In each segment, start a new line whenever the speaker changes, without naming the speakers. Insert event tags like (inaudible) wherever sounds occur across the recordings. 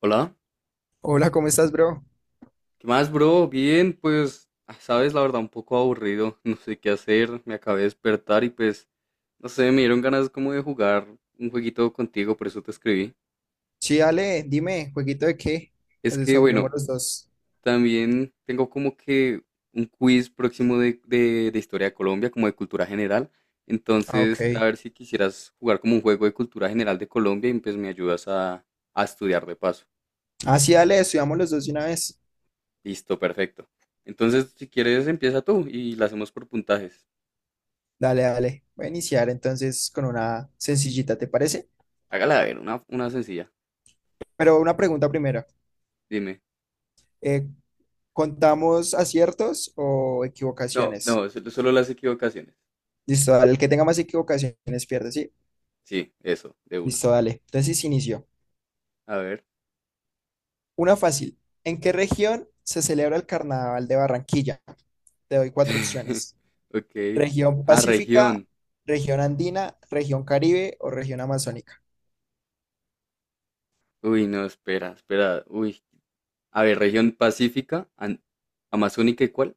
Hola,
Hola, ¿cómo estás, bro?
¿qué más, bro? Bien, pues, sabes, la verdad, un poco aburrido, (laughs) no sé qué hacer, me acabé de despertar y pues, no sé, me dieron ganas como de jugar un jueguito contigo, por eso te escribí.
Sí, dale, dime, ¿jueguito de qué?
Es
Nos
que,
desaburrimos
bueno,
los dos.
también tengo como que un quiz próximo de historia de Colombia, como de cultura general,
Ah, ok.
entonces, era a ver si quisieras jugar como un juego de cultura general de Colombia y pues me ayudas a estudiar de paso.
Ah, sí, dale, estudiamos los dos de una vez.
Listo, perfecto. Entonces, si quieres, empieza tú y la hacemos por puntajes.
Dale, dale. Voy a iniciar entonces con una sencillita, ¿te parece?
Hágala ver, una sencilla.
Pero una pregunta primero.
Dime.
Eh, ¿Contamos aciertos o
No,
equivocaciones?
no, solo las equivocaciones.
Listo, dale. El que tenga más equivocaciones pierde, ¿sí?
Sí, eso, de una.
Listo, dale. Entonces inicio.
A ver.
Una fácil. ¿En qué región se celebra el Carnaval de Barranquilla? Te doy cuatro
(laughs)
opciones.
Ok.
Región
Ah,
Pacífica,
región.
región andina, región Caribe o región amazónica.
Uy, no, espera, espera. Uy. A ver, región pacífica, amazónica y ¿cuál?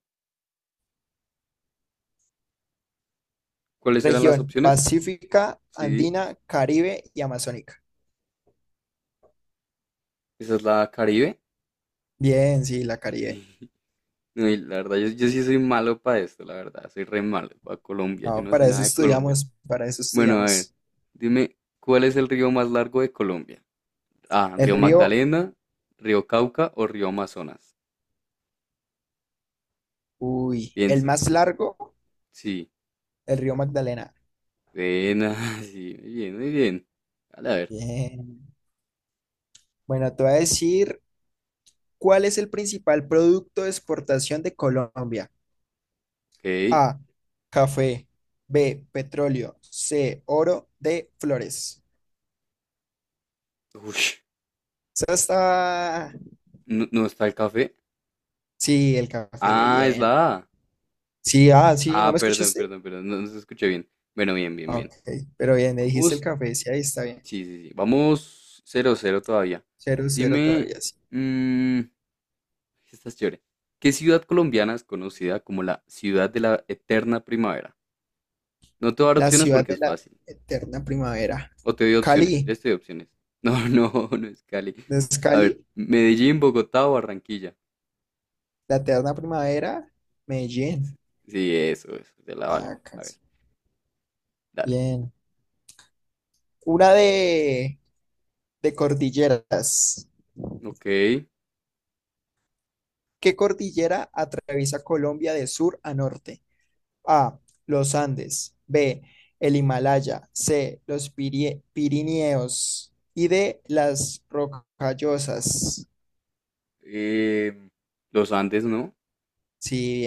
¿Cuáles eran las
Región
opciones?
Pacífica,
Sí,
andina, Caribe y amazónica.
esa es la Caribe. (laughs)
Bien, sí, la Caribe.
Sí. No, y la verdad, yo sí soy malo para esto, la verdad. Soy re malo para Colombia. Yo
No,
no sé
para eso
nada de Colombia.
estudiamos, para eso
Bueno, a ver,
estudiamos.
dime, ¿cuál es el río más largo de Colombia? A,
El
Río
río,
Magdalena, Río Cauca o Río Amazonas.
uy, el
Piensa.
más largo,
Sí.
el río Magdalena.
Buena, (laughs) sí, muy bien, muy bien. Dale, a ver.
Bien. Bueno, te voy a decir cuál es el principal producto de exportación de Colombia.
Ok.
A, café. B, petróleo. C, oro. D, flores.
Ush,
Esa está.
no, no está el café.
Sí, el café,
Ah, es la
bien.
A.
Sí, ah, sí, ¿no
Ah,
me
perdón,
escuchaste?
perdón, perdón. No, no se escuché bien. Bueno, bien, bien,
Ah,
bien.
ok, pero bien, me dijiste el
Vamos.
café, sí, ahí está bien.
Sí, sí, sí. Vamos. Cero, cero, todavía.
Cero, cero
Dime.
todavía, sí.
mm, esta es chévere. ¿Qué ciudad colombiana es conocida como la ciudad de la eterna primavera? No te voy a dar
La
opciones
ciudad
porque
de
es
la
fácil.
eterna primavera.
O te doy opciones, si
Cali,
quieres te doy opciones. No, (laughs) no, no es Cali.
¿no es
A ver,
Cali?
Medellín, Bogotá o Barranquilla.
La eterna primavera, Medellín.
Sí, eso, te la
Ah,
valgo. A ver,
casi.
dale.
Bien. Una de cordilleras.
Ok.
¿Qué cordillera atraviesa Colombia de sur a norte? A. Los Andes. B. El Himalaya. C. Los Pirineos. Y D. Las Rocallosas.
em, los Andes, ¿no?
Sí,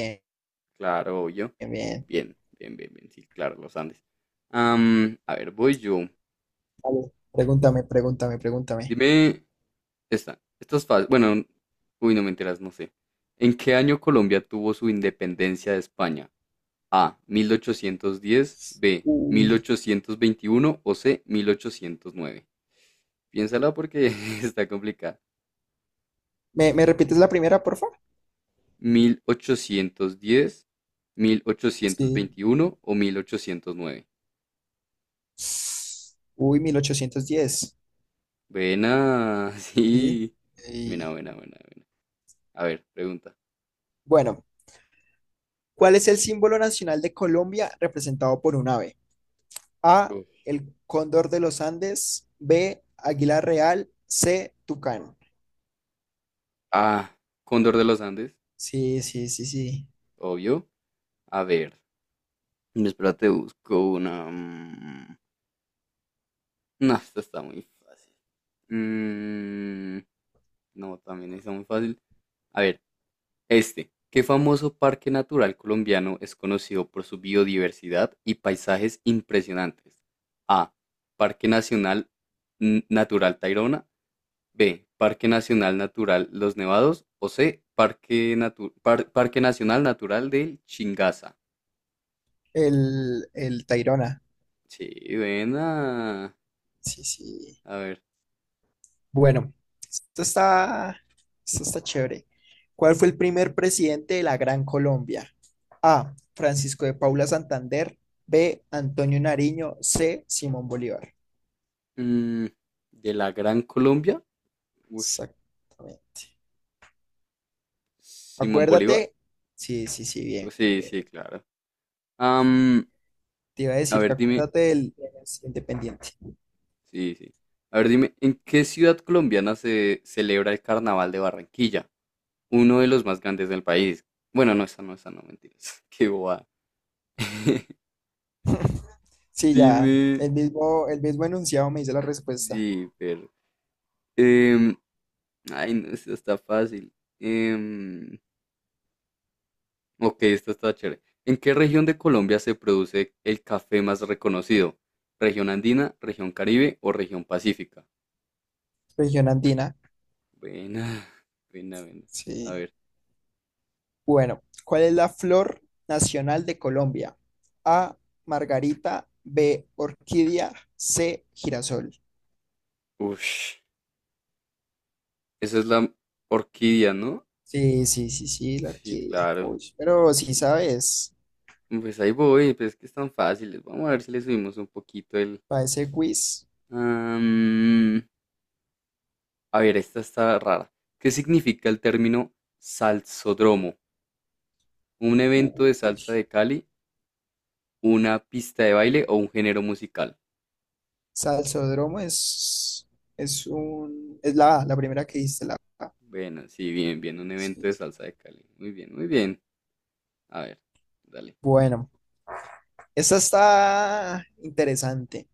Claro, yo.
bien, bien, bien.
Bien, bien, bien, bien. Sí, claro, los Andes. A ver, voy yo.
Vale, pregúntame, pregúntame, pregúntame.
Dime, esta es fácil. Bueno, uy, no me enteras, no sé. ¿En qué año Colombia tuvo su independencia de España? A. 1810. B.
Uy.
1821. O C. 1809. Piénsala porque (laughs) está complicada.
¿Me, me repites la primera, por favor?
1810, mil ochocientos
Sí.
veintiuno o 1809.
Uy, 1810.
Buena, (laughs)
Sí.
sí. Buena,
Y-
buena, buena, buena. A ver, pregunta.
bueno, ¿cuál es el símbolo nacional de Colombia representado por un ave? A,
Uf.
el cóndor de los Andes, B, águila real, C, tucán.
A. Cóndor de los Andes,
Sí, sí, sí, sí.
obvio. A ver. Espérate, busco una. No, esta está muy fácil. Mm, no, también está muy fácil. A ver. Este, ¿qué famoso parque natural colombiano es conocido por su biodiversidad y paisajes impresionantes? A. Parque Nacional Natural Tayrona. B. Parque Nacional Natural Los Nevados. O C. Parque, Parque Nacional Natural del Chingaza.
El Tayrona.
Sí, buena.
Sí, sí.
A ver.
Bueno, esto está, esto está chévere. ¿Cuál fue el primer presidente de la Gran Colombia? A. Francisco de Paula Santander. B. Antonio Nariño. C. Simón Bolívar.
mm, de la Gran Colombia. Ush,
Exactamente.
Simón Bolívar.
Acuérdate. Sí, sí, sí, bien,
Sí,
bien,
sí,
bien.
claro. Am,
Te iba a
a
decir que
ver, dime.
acuérdate del independiente.
Sí, sí. A ver, dime, ¿en qué ciudad colombiana se celebra el Carnaval de Barranquilla? Uno de los más grandes del país. Bueno, no, esa no, esa no, mentiras. (laughs) Qué boba. (laughs)
(laughs) Sí, ya.
Dime,
El mismo enunciado me dice la respuesta.
sí, pero... em, ay, no, esta está fácil. Em, ok, esta está chévere. ¿En qué región de Colombia se produce el café más reconocido? ¿Región andina, región Caribe o región pacífica?
Región andina.
Buena, (laughs) buena, buena. A
Sí.
ver.
Bueno, ¿cuál es la flor nacional de Colombia? A, margarita, B, orquídea, C, girasol.
Ush. Esa es la orquídea, ¿no?
Sí, sí, sí, sí, la
Sí,
orquídea.
claro.
Uy, pero si sabes,
Pues ahí voy, pues es que están fáciles. Vamos a ver si le subimos un poquito el...
para ese quiz,
Am, a ver, esta está rara. ¿Qué significa el término salsódromo? ¿Un evento de
uy,
salsa de Cali, una pista de baile o un género musical?
salsódromo es un, es la A, la primera que diste, la A.
Bueno, sí, bien, bien, un evento
Sí,
de
sí.
salsa de Cali. Muy bien, muy bien. A ver, dale.
Bueno, esta está interesante.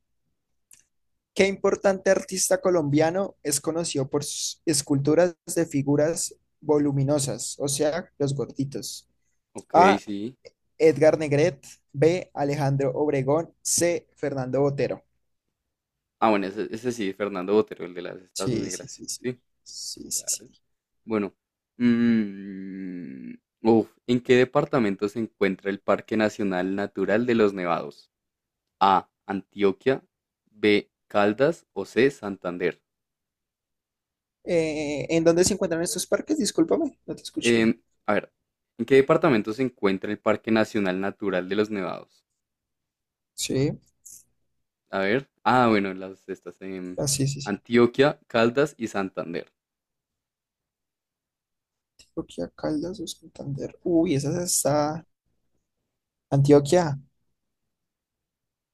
¿Qué importante artista colombiano es conocido por sus esculturas de figuras voluminosas, o sea, los gorditos?
Ok,
A.
sí.
Edgar Negret. B. Alejandro Obregón. C. Fernando Botero.
Ah, bueno, ese sí, Fernando Botero, el de las estas
Sí, sí,
negras.
sí, sí.
Sí,
Sí, sí, sí.
claro. Bueno, mm, uf, ¿en qué departamento se encuentra el Parque Nacional Natural de los Nevados? A, Antioquia, B, Caldas o C, Santander.
¿En dónde se encuentran estos parques? Discúlpame, no te
Em,
escuché.
a ver, ¿en qué departamento se encuentra el Parque Nacional Natural de los Nevados?
Sí,
A ver, ah, bueno, las estas en
ah, sí, sí, sí.
Antioquia, Caldas y Santander.
Antioquia, Caldas o Santander. Uy, esa está. Antioquia.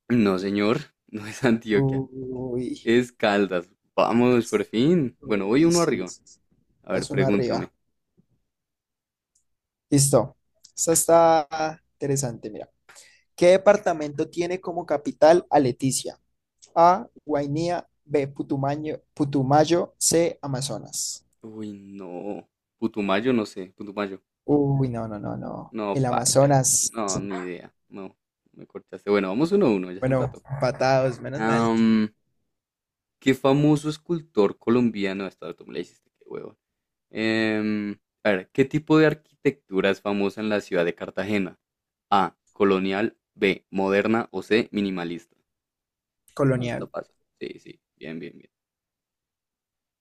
No, señor, (laughs) no es Antioquia,
Uy,
es Caldas. Vamos, por fin. Bueno, voy
uy,
uno
sí,
arriba.
sí, sí.
A
La
ver,
zona arriba.
pregúntame.
Listo. Esta está interesante, mira. ¿Qué departamento tiene como capital a Leticia? A, Guainía, B, Putumayo, C, Amazonas.
Uy, no. Putumayo, no sé. Putumayo.
Uy, no, no, no, no.
No,
El
paila.
Amazonas.
No, ni idea. No, me cortaste. Bueno, vamos uno a uno, ya se
Bueno,
empató.
patados, menos mal.
Am, ¿Qué famoso escultor colombiano? Esta tú me la hiciste, qué huevo. Em, a ver, ¿qué tipo de arquitectura es famosa en la ciudad de Cartagena? A, colonial, B, moderna o C, minimalista. No, está
Colonial.
fácil. Sí, sí, bien, bien, bien.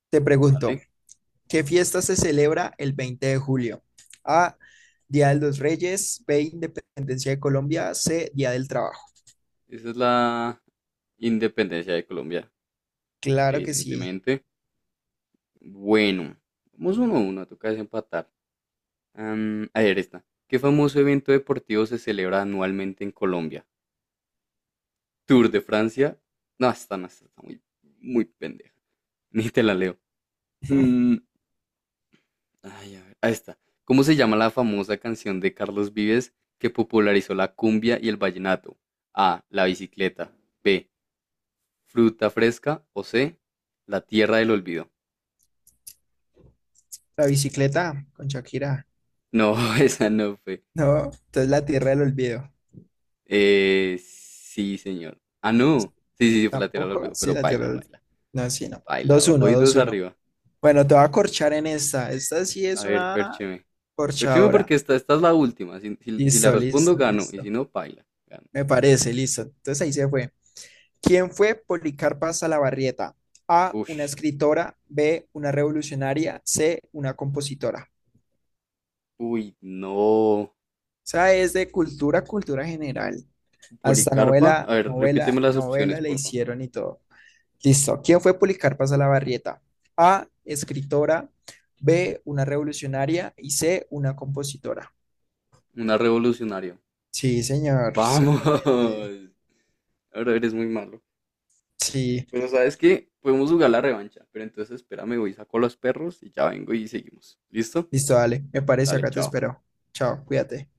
Te pregunto,
Dale.
¿qué fiesta se celebra el 20 de julio? A, Día de los Reyes, B, Independencia de Colombia, C, Día del Trabajo.
Esa es la independencia de Colombia,
Claro que sí.
evidentemente. Bueno, vamos uno a uno, toca desempatar. A ver, esta. ¿Qué famoso evento deportivo se celebra anualmente en Colombia? ¿Tour de Francia? No, esta no, esta está muy, muy pendeja. (laughs) Ni te la leo.
(laughs)
Mm, ay, a ver, ahí está. ¿Cómo se llama la famosa canción de Carlos Vives que popularizó la cumbia y el vallenato? A. La bicicleta. B. Fruta fresca. O C. La tierra del olvido.
La bicicleta con Shakira.
No, (laughs) esa no fue.
No, entonces la Tierra del Olvido.
Sí, señor. Ah, no. Sí, sí, sí, fue lateral
Tampoco,
olvidó,
sí,
pero
la Tierra
baila,
del Olvido.
baila,
No, sí, no. Dos
baila.
uno,
Voy
dos
dos
uno.
arriba.
Bueno, te voy a corchar en esta. Esta sí
A
es
ver,
una
córcheme. Córcheme
corchadora.
porque esta es la última. Si la
Listo,
respondo,
listo,
gano. Y
listo.
si no, baila, gano.
Me parece, listo. Entonces ahí se fue. ¿Quién fue Policarpa Salabarrieta? A, una
Ush.
escritora, B, una revolucionaria, C, una compositora.
Uy, no.
O sea, es de cultura, cultura general. Hasta
Policarpa.
novela,
A ver,
novela,
repíteme las
novela
opciones,
le
por favor.
hicieron y todo. Listo. ¿Quién fue Policarpa Salabarrieta? A, escritora, B, una revolucionaria y C, una compositora.
Una revolucionaria.
Sí, señor,
Vamos.
exactamente.
(laughs) Ahora eres muy malo.
Sí,
Pero sabes que podemos jugar la revancha. Pero entonces espérame, voy, saco a los perros y ya vengo y seguimos. ¿Listo?
listo, dale. Me parece,
Dale,
acá te
chao.
espero. Chao, cuídate.